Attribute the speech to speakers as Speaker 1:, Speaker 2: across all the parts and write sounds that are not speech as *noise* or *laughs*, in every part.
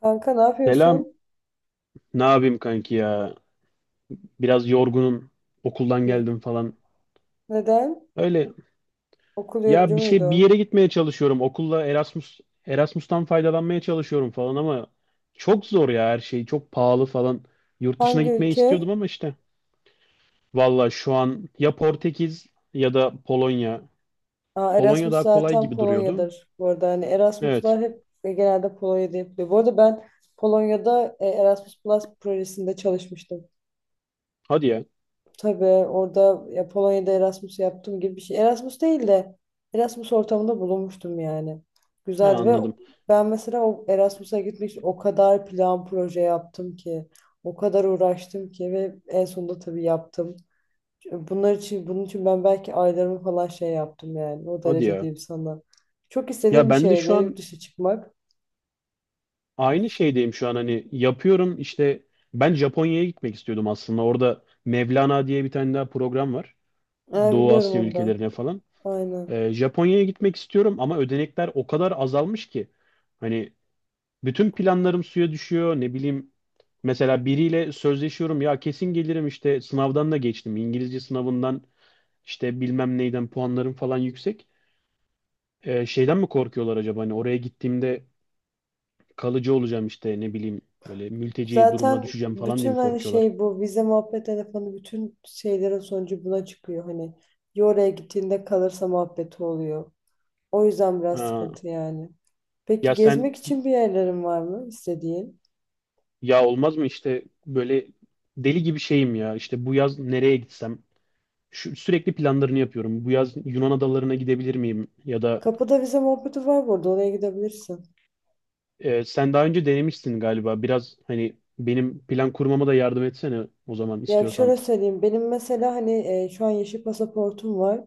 Speaker 1: Kanka ne
Speaker 2: Selam.
Speaker 1: yapıyorsun?
Speaker 2: Ne yapayım kanki ya? Biraz yorgunum. Okuldan
Speaker 1: Hı.
Speaker 2: geldim falan.
Speaker 1: Neden?
Speaker 2: Öyle.
Speaker 1: Okul yorucu
Speaker 2: Ya bir şey bir
Speaker 1: muydu?
Speaker 2: yere gitmeye çalışıyorum. Okulla Erasmus'tan faydalanmaya çalışıyorum falan ama çok zor ya her şey. Çok pahalı falan. Yurt dışına
Speaker 1: Hangi
Speaker 2: gitmeyi istiyordum
Speaker 1: ülke?
Speaker 2: ama işte. Valla şu an ya Portekiz, ya da Polonya.
Speaker 1: Aa,
Speaker 2: Polonya
Speaker 1: Erasmus
Speaker 2: daha kolay
Speaker 1: zaten
Speaker 2: gibi duruyordu.
Speaker 1: Polonya'dır. Bu arada hani
Speaker 2: Evet.
Speaker 1: Erasmus'lar hep ve genelde Polonya'da yapılıyor. Bu arada ben Polonya'da Erasmus Plus projesinde çalışmıştım.
Speaker 2: Hadi ya.
Speaker 1: Tabii orada ya Polonya'da Erasmus yaptığım gibi bir şey. Erasmus değil de Erasmus ortamında bulunmuştum yani.
Speaker 2: Ha,
Speaker 1: Güzeldi ve
Speaker 2: anladım.
Speaker 1: ben mesela o Erasmus'a gitmek için o kadar plan proje yaptım ki. O kadar uğraştım ki ve en sonunda tabii yaptım. Bunun için ben belki aylarımı falan şey yaptım yani. O
Speaker 2: Hadi
Speaker 1: derece
Speaker 2: ya.
Speaker 1: diyeyim sana. Çok
Speaker 2: Ya
Speaker 1: istediğim bir
Speaker 2: ben de
Speaker 1: şeydi
Speaker 2: şu
Speaker 1: yurt
Speaker 2: an
Speaker 1: dışı çıkmak.
Speaker 2: aynı şeydeyim şu an, hani yapıyorum işte, ben Japonya'ya gitmek istiyordum aslında. Orada Mevlana diye bir tane daha program var.
Speaker 1: Ha,
Speaker 2: Doğu
Speaker 1: biliyorum
Speaker 2: Asya
Speaker 1: onu da.
Speaker 2: ülkelerine falan.
Speaker 1: Aynen.
Speaker 2: Japonya'ya gitmek istiyorum ama ödenekler o kadar azalmış ki hani bütün planlarım suya düşüyor, ne bileyim. Mesela biriyle sözleşiyorum ya, kesin gelirim işte, sınavdan da geçtim. İngilizce sınavından işte bilmem neyden puanlarım falan yüksek. Şeyden mi korkuyorlar acaba, hani oraya gittiğimde kalıcı olacağım işte, ne bileyim, böyle mülteci durumuna
Speaker 1: Zaten
Speaker 2: düşeceğim falan diye
Speaker 1: bütün
Speaker 2: mi
Speaker 1: hani
Speaker 2: korkuyorlar?
Speaker 1: şey bu vize muhabbet telefonu bütün şeylerin sonucu buna çıkıyor. Hani ya oraya gittiğinde kalırsa muhabbeti oluyor. O yüzden biraz
Speaker 2: Ha.
Speaker 1: sıkıntı yani. Peki
Speaker 2: Ya sen?
Speaker 1: gezmek için bir yerlerin var mı istediğin?
Speaker 2: Ya olmaz mı, işte böyle deli gibi şeyim ya, işte bu yaz nereye gitsem, sürekli planlarını yapıyorum. Bu yaz Yunan adalarına gidebilir miyim? Ya da
Speaker 1: Kapıda vize muhabbeti var, burada oraya gidebilirsin.
Speaker 2: sen daha önce denemişsin galiba, biraz hani benim plan kurmama da yardım etsene o zaman
Speaker 1: Ya şöyle
Speaker 2: istiyorsan.
Speaker 1: söyleyeyim, benim mesela hani şu an yeşil pasaportum var.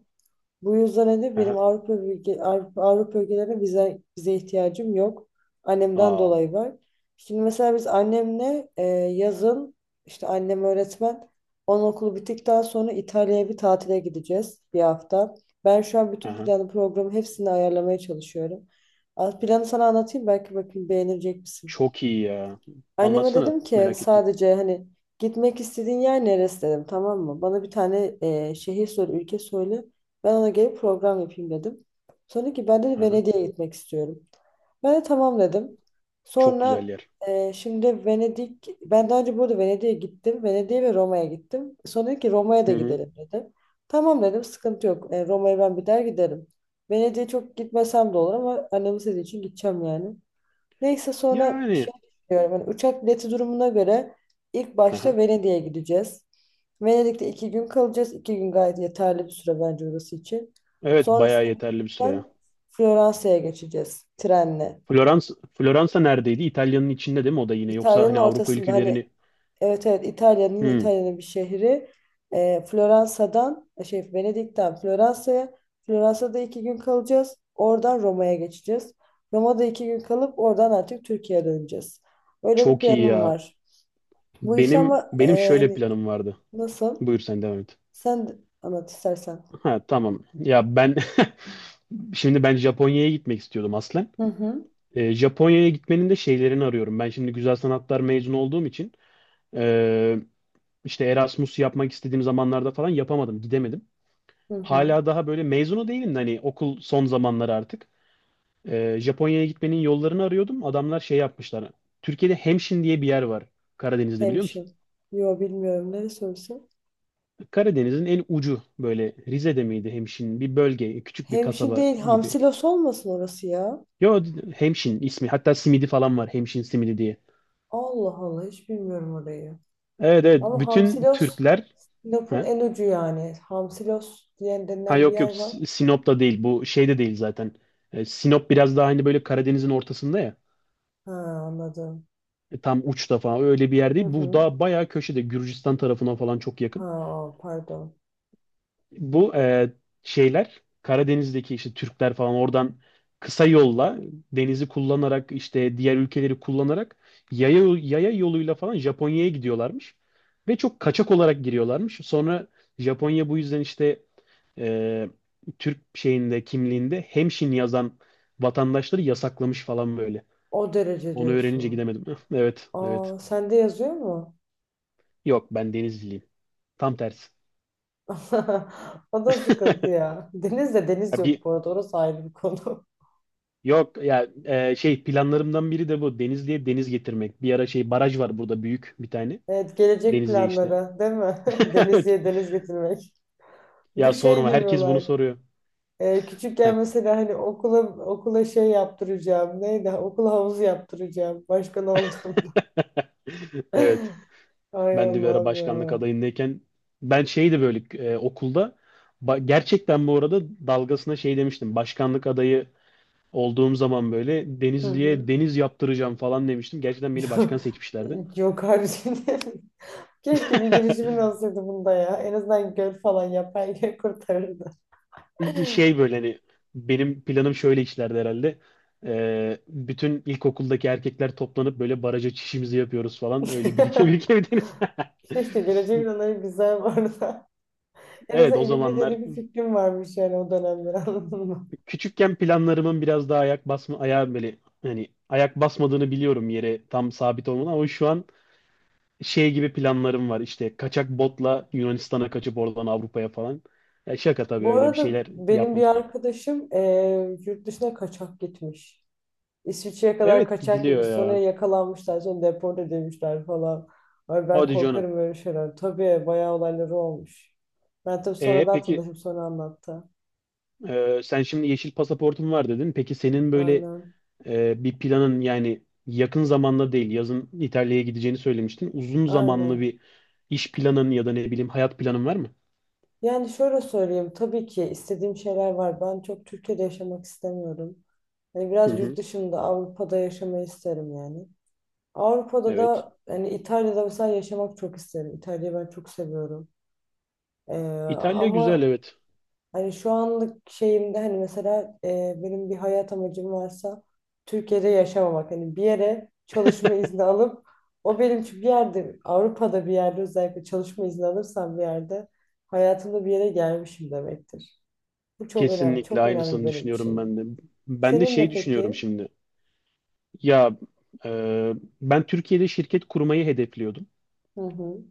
Speaker 1: Bu yüzden de benim
Speaker 2: Aha.
Speaker 1: Avrupa ülkelerine vize ihtiyacım yok. Annemden
Speaker 2: Aa.
Speaker 1: dolayı var. Şimdi mesela biz annemle yazın, işte annem öğretmen, onun okulu bittikten sonra İtalya'ya bir tatile gideceğiz, bir hafta. Ben şu an bütün
Speaker 2: Aha.
Speaker 1: planı, programı, hepsini ayarlamaya çalışıyorum. Az planı sana anlatayım, belki bakayım beğenecek misin?
Speaker 2: Çok iyi ya.
Speaker 1: Anneme
Speaker 2: Anlatsana,
Speaker 1: dedim ki
Speaker 2: merak ettim.
Speaker 1: sadece hani gitmek istediğin yer neresi dedim, tamam mı? Bana bir tane şehir söyle, ülke söyle. Ben ona gelip program yapayım dedim. Sonra dedi ki ben de
Speaker 2: Aha,
Speaker 1: Venedik'e gitmek istiyorum. Ben de tamam dedim.
Speaker 2: çok güzel
Speaker 1: Sonra
Speaker 2: yer.
Speaker 1: şimdi Venedik, ben daha önce burada Venedik'e gittim. Venedik'e ve Roma'ya gittim. Sonra dedi ki Roma'ya
Speaker 2: Hı
Speaker 1: da
Speaker 2: hı.
Speaker 1: gidelim dedi. Tamam dedim, sıkıntı yok. Roma'ya ben bir daha giderim. Venedik'e çok gitmesem de olur ama annemin istediği için gideceğim yani. Neyse, sonra
Speaker 2: Yani.
Speaker 1: şey düşünüyorum. Hani uçak bileti durumuna göre ilk
Speaker 2: Aha.
Speaker 1: başta Venedik'e gideceğiz. Venedik'te iki gün kalacağız. İki gün gayet yeterli bir süre bence orası için.
Speaker 2: Evet, bayağı
Speaker 1: Sonrasında
Speaker 2: yeterli bir süre ya.
Speaker 1: ben Floransa'ya geçeceğiz trenle.
Speaker 2: Floransa neredeydi? İtalya'nın içinde değil mi o da yine? Yoksa
Speaker 1: İtalya'nın
Speaker 2: hani Avrupa
Speaker 1: ortasında, hani
Speaker 2: ülkelerini...
Speaker 1: evet evet, İtalya'nın, yine
Speaker 2: Hmm,
Speaker 1: İtalya'nın bir şehri. Floransa'dan şey Venedik'ten Floransa'ya, Floransa'da iki gün kalacağız. Oradan Roma'ya geçeceğiz. Roma'da iki gün kalıp oradan artık Türkiye'ye döneceğiz. Öyle bir
Speaker 2: çok iyi
Speaker 1: planım
Speaker 2: ya.
Speaker 1: var. Bu işte
Speaker 2: Benim
Speaker 1: ama
Speaker 2: benim şöyle
Speaker 1: hani
Speaker 2: planım vardı.
Speaker 1: nasıl?
Speaker 2: Buyur sen devam et.
Speaker 1: Sen de anlat istersen.
Speaker 2: Ha, tamam. Ya ben *laughs* şimdi ben Japonya'ya gitmek istiyordum aslen.
Speaker 1: Hı hı.
Speaker 2: Japonya'ya gitmenin de şeylerini arıyorum. Ben şimdi güzel sanatlar mezunu olduğum için ee, işte Erasmus yapmak istediğim zamanlarda falan yapamadım, gidemedim.
Speaker 1: Hı hı.
Speaker 2: Hala daha böyle mezunu değilim de hani, okul son zamanları artık. Japonya'ya gitmenin yollarını arıyordum. Adamlar şey yapmışlar. Türkiye'de Hemşin diye bir yer var, Karadeniz'de, biliyor musun?
Speaker 1: Hemşin. Yo, bilmiyorum, ne sorusu.
Speaker 2: Karadeniz'in en ucu, böyle Rize'de miydi Hemşin? Bir bölge, küçük bir
Speaker 1: Hemşin
Speaker 2: kasaba
Speaker 1: değil,
Speaker 2: gibi.
Speaker 1: Hamsilos olmasın orası ya.
Speaker 2: Yo, Hemşin ismi. Hatta simidi falan var, Hemşin simidi diye.
Speaker 1: Allah Allah, hiç bilmiyorum orayı.
Speaker 2: Evet, evet.
Speaker 1: Ama
Speaker 2: Bütün
Speaker 1: Hamsilos
Speaker 2: Türkler.
Speaker 1: Sinop'un
Speaker 2: Ha,
Speaker 1: en ucu yani. Hamsilos diyen
Speaker 2: ha,
Speaker 1: denilen bir
Speaker 2: yok, yok,
Speaker 1: yer var.
Speaker 2: Sinop'ta değil. Bu şeyde değil zaten. Sinop biraz daha hani böyle Karadeniz'in ortasında ya.
Speaker 1: Ha, anladım.
Speaker 2: Tam uçta falan, öyle bir yer
Speaker 1: Hı
Speaker 2: değil. Bu
Speaker 1: hı.
Speaker 2: daha bayağı köşede, Gürcistan tarafına falan çok
Speaker 1: Ha,
Speaker 2: yakın.
Speaker 1: pardon.
Speaker 2: Bu şeyler Karadeniz'deki işte Türkler falan, oradan kısa yolla denizi kullanarak, işte diğer ülkeleri kullanarak, yaya yoluyla falan Japonya'ya gidiyorlarmış. Ve çok kaçak olarak giriyorlarmış. Sonra Japonya bu yüzden işte e, Türk şeyinde, kimliğinde hemşin yazan vatandaşları yasaklamış falan böyle.
Speaker 1: O derece
Speaker 2: Onu öğrenince
Speaker 1: diyorsun.
Speaker 2: gidemedim. *laughs* Evet, evet.
Speaker 1: Aa, sende yazıyor mu?
Speaker 2: Yok, ben Denizliyim. Tam tersi.
Speaker 1: *laughs* O da sıkıntı
Speaker 2: *laughs*
Speaker 1: ya. Deniz de deniz
Speaker 2: Ya
Speaker 1: yok
Speaker 2: Bir
Speaker 1: bu arada. Orası ayrı bir konu. *laughs*
Speaker 2: Yok ya, şey planlarımdan biri de bu. Denizli'ye deniz getirmek. Bir ara şey, baraj var burada büyük bir tane.
Speaker 1: Evet, gelecek
Speaker 2: Denizli'ye işte.
Speaker 1: planları değil mi? *laughs*
Speaker 2: *laughs*
Speaker 1: Deniz
Speaker 2: Evet.
Speaker 1: diye deniz getirmek.
Speaker 2: Ya
Speaker 1: Bu şey
Speaker 2: sorma,
Speaker 1: gibi
Speaker 2: herkes bunu
Speaker 1: olay.
Speaker 2: soruyor. Heh.
Speaker 1: Küçükken mesela hani okula şey yaptıracağım. Neydi? Okula havuzu yaptıracağım. Başkan oldum.
Speaker 2: *laughs* Evet.
Speaker 1: *laughs* Ay
Speaker 2: Ben de bir ara
Speaker 1: Allah'ım
Speaker 2: başkanlık
Speaker 1: ya.
Speaker 2: adayındayken şeydi böyle okulda, gerçekten bu arada dalgasına şey demiştim. Başkanlık adayı olduğum zaman böyle
Speaker 1: Hı hı.
Speaker 2: Denizli'ye deniz yaptıracağım falan demiştim. Gerçekten beni başkan
Speaker 1: *laughs*
Speaker 2: seçmişlerdi.
Speaker 1: Yok, yok, harbiden. *laughs* Keşke bir girişimin
Speaker 2: *laughs*
Speaker 1: olsaydı bunda ya. En azından göl falan yapar, kurtarırdı.
Speaker 2: Şey böyle hani, benim planım şöyle işlerdi herhalde. Bütün ilkokuldaki erkekler toplanıp böyle baraja çişimizi yapıyoruz falan. Öyle birike
Speaker 1: *laughs*
Speaker 2: birike bir deniz.
Speaker 1: İşte geleceğe planları
Speaker 2: *laughs*
Speaker 1: güzel bu arada. *laughs* En
Speaker 2: Evet,
Speaker 1: azından
Speaker 2: o
Speaker 1: ileriye
Speaker 2: zamanlar
Speaker 1: dönük bir fikrim varmış yani o dönemde, *laughs* anladın mı?
Speaker 2: küçükken planlarımın biraz daha ayak basma, ayağa, böyle hani ayak basmadığını biliyorum yere tam sabit olmadan, ama şu an şey gibi planlarım var, işte kaçak botla Yunanistan'a kaçıp oradan Avrupa'ya falan. Ya şaka tabii,
Speaker 1: Bu
Speaker 2: öyle bir
Speaker 1: arada
Speaker 2: şeyler
Speaker 1: benim bir
Speaker 2: yapmam.
Speaker 1: arkadaşım yurt dışına kaçak gitmiş. İsviçre'ye kadar
Speaker 2: Evet,
Speaker 1: kaçak
Speaker 2: gidiliyor
Speaker 1: gitmiş. Sonra
Speaker 2: ya.
Speaker 1: yakalanmışlar. Sonra deport edilmişler falan. Ay, ben
Speaker 2: Hadi canım.
Speaker 1: korkarım öyle şeyler. Tabii bayağı olayları olmuş. Ben tabii
Speaker 2: E
Speaker 1: sonradan
Speaker 2: peki
Speaker 1: tanışıp sonra anlattı.
Speaker 2: sen şimdi yeşil pasaportun var dedin. Peki senin böyle
Speaker 1: Aynen.
Speaker 2: bir planın, yani yakın zamanda değil, yazın İtalya'ya gideceğini söylemiştin. Uzun zamanlı
Speaker 1: Aynen.
Speaker 2: bir iş planın ya da ne bileyim hayat planın var mı?
Speaker 1: Yani şöyle söyleyeyim. Tabii ki istediğim şeyler var. Ben çok Türkiye'de yaşamak istemiyorum. Hani
Speaker 2: Hı
Speaker 1: biraz yurt
Speaker 2: hı,
Speaker 1: dışında, Avrupa'da yaşamayı isterim yani. Avrupa'da
Speaker 2: evet.
Speaker 1: da hani İtalya'da mesela yaşamak çok isterim. İtalya'yı ben çok seviyorum. Ee,
Speaker 2: İtalya güzel,
Speaker 1: ama
Speaker 2: evet.
Speaker 1: hani şu anlık şeyimde hani mesela benim bir hayat amacım varsa Türkiye'de yaşamamak. Hani bir yere çalışma izni alıp, o benim için bir yerde, Avrupa'da bir yerde özellikle çalışma izni alırsam bir yerde, hayatımda bir yere gelmişim demektir. Bu çok önemli,
Speaker 2: Kesinlikle
Speaker 1: çok önemli
Speaker 2: aynısını
Speaker 1: benim
Speaker 2: düşünüyorum
Speaker 1: için.
Speaker 2: ben de. Ben de
Speaker 1: Senin de
Speaker 2: şey düşünüyorum
Speaker 1: peki?
Speaker 2: şimdi. Ya e, ben Türkiye'de şirket kurmayı hedefliyordum.
Speaker 1: Hı hı.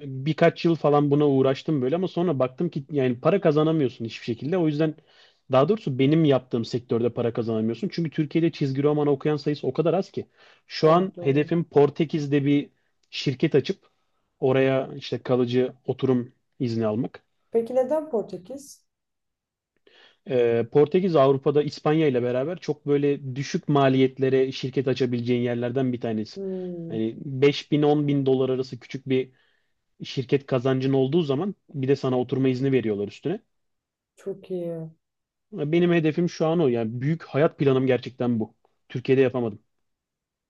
Speaker 2: Birkaç yıl falan buna uğraştım böyle ama sonra baktım ki, yani para kazanamıyorsun hiçbir şekilde. O yüzden, daha doğrusu benim yaptığım sektörde para kazanamıyorsun. Çünkü Türkiye'de çizgi roman okuyan sayısı o kadar az ki. Şu an
Speaker 1: Evet, doğru.
Speaker 2: hedefim Portekiz'de bir şirket açıp oraya işte kalıcı oturum izni almak.
Speaker 1: Peki neden Portekiz?
Speaker 2: Portekiz Avrupa'da İspanya ile beraber çok böyle düşük maliyetlere şirket açabileceğin yerlerden bir tanesi.
Speaker 1: Hmm,
Speaker 2: Hani 5 bin 10 bin dolar arası küçük bir şirket kazancın olduğu zaman bir de sana oturma izni veriyorlar üstüne.
Speaker 1: çok iyi.
Speaker 2: Benim hedefim şu an o. Yani büyük hayat planım gerçekten bu. Türkiye'de yapamadım.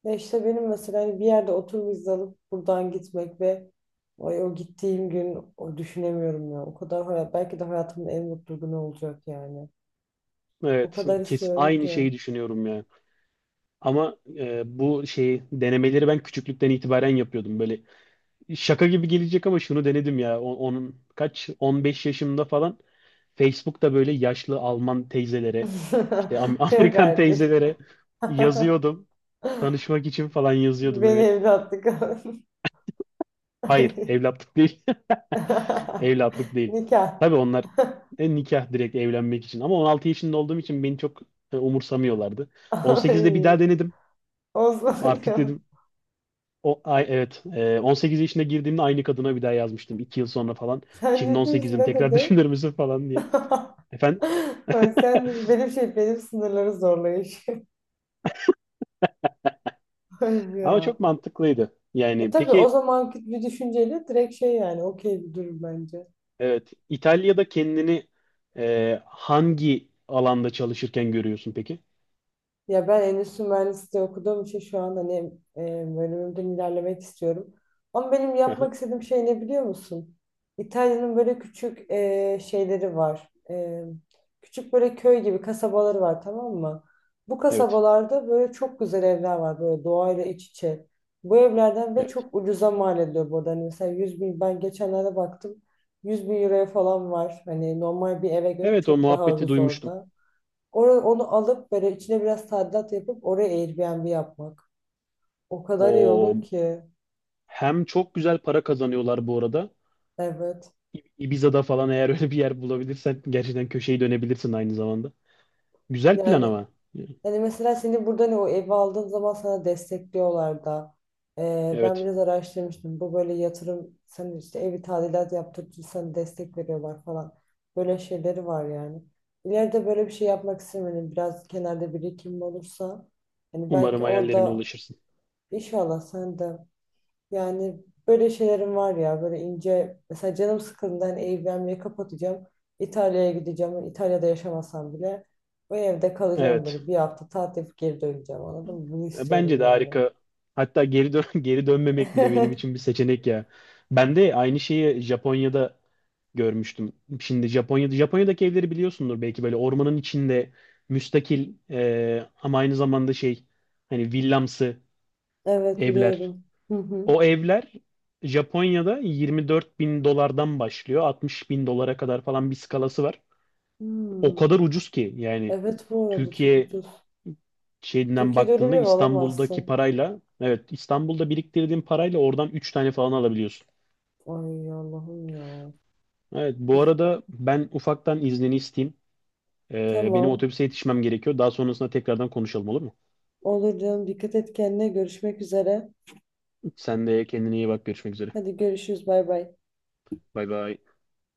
Speaker 1: Ya işte benim mesela hani bir yerde otur vize alıp buradan gitmek ve ay, o gittiğim gün, o düşünemiyorum ya. Belki de hayatımın en mutlu günü olacak yani. O
Speaker 2: Evet,
Speaker 1: kadar
Speaker 2: kes,
Speaker 1: istiyorum
Speaker 2: aynı
Speaker 1: ki.
Speaker 2: şeyi düşünüyorum ya. Ama bu şeyi denemeleri ben küçüklükten itibaren yapıyordum. Böyle şaka gibi gelecek ama şunu denedim ya. Onun kaç, 15 yaşımda falan, Facebook'ta böyle yaşlı Alman teyzelere, işte *laughs*
Speaker 1: *laughs* Yok
Speaker 2: Amerikan
Speaker 1: artık.
Speaker 2: teyzelere
Speaker 1: *laughs*
Speaker 2: yazıyordum. Tanışmak için falan yazıyordum,
Speaker 1: Beni
Speaker 2: evet.
Speaker 1: evlatlık al. *laughs*
Speaker 2: Hayır,
Speaker 1: Ay.
Speaker 2: evlatlık değil. *laughs*
Speaker 1: *laughs*
Speaker 2: Evlatlık değil.
Speaker 1: Nikah.
Speaker 2: Tabii onlar nikah, direkt evlenmek için. Ama 16 yaşında olduğum için beni çok umursamıyorlardı. 18'de bir daha
Speaker 1: Ay.
Speaker 2: denedim.
Speaker 1: Osman
Speaker 2: Artık
Speaker 1: ya.
Speaker 2: dedim, o ay evet, 18 yaşında girdiğimde aynı kadına bir daha yazmıştım, 2 yıl sonra falan.
Speaker 1: Sen
Speaker 2: Şimdi
Speaker 1: ciddi misin?
Speaker 2: 18'im,
Speaker 1: Ne
Speaker 2: tekrar *laughs*
Speaker 1: dedi?
Speaker 2: düşünür müsün falan
Speaker 1: *laughs*
Speaker 2: diye. Efendim?
Speaker 1: Ay,
Speaker 2: *laughs*
Speaker 1: sen benim şey, benim sınırları zorlayış. *laughs* Ay ya.
Speaker 2: Ama çok mantıklıydı. Yani
Speaker 1: Tabii o
Speaker 2: peki,
Speaker 1: zamanki bir düşünceyle direkt şey yani okey bir durum bence.
Speaker 2: evet, İtalya'da kendini hangi alanda çalışırken görüyorsun peki?
Speaker 1: Ya ben endüstri mühendisliği okuduğum için şu an hani e, bölümümden ilerlemek istiyorum. Ama benim
Speaker 2: Aha.
Speaker 1: yapmak istediğim şey ne biliyor musun? İtalya'nın böyle küçük şeyleri var. Küçük böyle köy gibi kasabaları var, tamam mı? Bu
Speaker 2: Evet.
Speaker 1: kasabalarda böyle çok güzel evler var, böyle doğayla iç içe. Bu evlerden, ve
Speaker 2: Evet.
Speaker 1: çok ucuza mal ediliyor burada. Hani mesela 100 bin, ben geçenlerde baktım, 100 bin euroya falan var. Hani normal bir eve göre
Speaker 2: Evet, o
Speaker 1: çok daha
Speaker 2: muhabbeti
Speaker 1: ucuz
Speaker 2: duymuştum.
Speaker 1: orada. Onu alıp böyle içine biraz tadilat yapıp oraya Airbnb yapmak. O kadar iyi
Speaker 2: O
Speaker 1: olur ki.
Speaker 2: Hem çok güzel para kazanıyorlar bu arada.
Speaker 1: Evet.
Speaker 2: Ibiza'da falan, eğer öyle bir yer bulabilirsen, gerçekten köşeyi dönebilirsin aynı zamanda. Güzel plan
Speaker 1: Yani
Speaker 2: ama.
Speaker 1: hani mesela seni burada ne, o evi aldığın zaman sana destekliyorlar da. Ben
Speaker 2: Evet.
Speaker 1: biraz araştırmıştım. Bu böyle yatırım, sen işte evi tadilat yaptırıcı, sana destek veriyorlar falan. Böyle şeyleri var yani. İleride böyle bir şey yapmak istemiyorum. Biraz kenarda birikim olursa hani
Speaker 2: Umarım
Speaker 1: belki
Speaker 2: hayallerine
Speaker 1: orada,
Speaker 2: ulaşırsın.
Speaker 1: inşallah sen de. Yani böyle şeylerim var ya, böyle ince mesela canım sıkıldığında hani Airbnb'yi kapatacağım. İtalya'ya gideceğim. İtalya'da yaşamasam bile o evde kalacağım,
Speaker 2: Evet.
Speaker 1: böyle bir hafta tatil yapıp geri döneceğim, anladın mı? Bunu
Speaker 2: Bence
Speaker 1: istiyorum
Speaker 2: de
Speaker 1: yani.
Speaker 2: harika. Hatta geri dön *laughs* geri dönmemek bile benim için
Speaker 1: *laughs*
Speaker 2: bir seçenek ya. Ben de aynı şeyi Japonya'da görmüştüm. Şimdi Japonya'daki evleri biliyorsundur belki, böyle ormanın içinde müstakil, ama aynı zamanda şey, hani villamsı
Speaker 1: Evet,
Speaker 2: evler.
Speaker 1: biliyorum. Hı hı.
Speaker 2: O evler Japonya'da 24 bin dolardan başlıyor. 60 bin dolara kadar falan bir skalası var. O
Speaker 1: Hmm.
Speaker 2: kadar ucuz ki yani,
Speaker 1: Evet, bu arada çok
Speaker 2: Türkiye
Speaker 1: ucuz.
Speaker 2: şeyinden
Speaker 1: Türkiye'de öyle bir
Speaker 2: baktığında,
Speaker 1: ev
Speaker 2: İstanbul'daki
Speaker 1: alamazsın.
Speaker 2: parayla, evet İstanbul'da biriktirdiğin parayla oradan 3 tane falan alabiliyorsun.
Speaker 1: Ay Allah'ım ya.
Speaker 2: Evet, bu
Speaker 1: Biz,
Speaker 2: arada ben ufaktan iznini isteyeyim. Benim
Speaker 1: tamam.
Speaker 2: otobüse yetişmem gerekiyor. Daha sonrasında tekrardan konuşalım, olur mu?
Speaker 1: Olur canım, dikkat et kendine, görüşmek üzere.
Speaker 2: Sen de kendine iyi bak. Görüşmek üzere.
Speaker 1: Hadi görüşürüz, bay bay.
Speaker 2: Bay bay.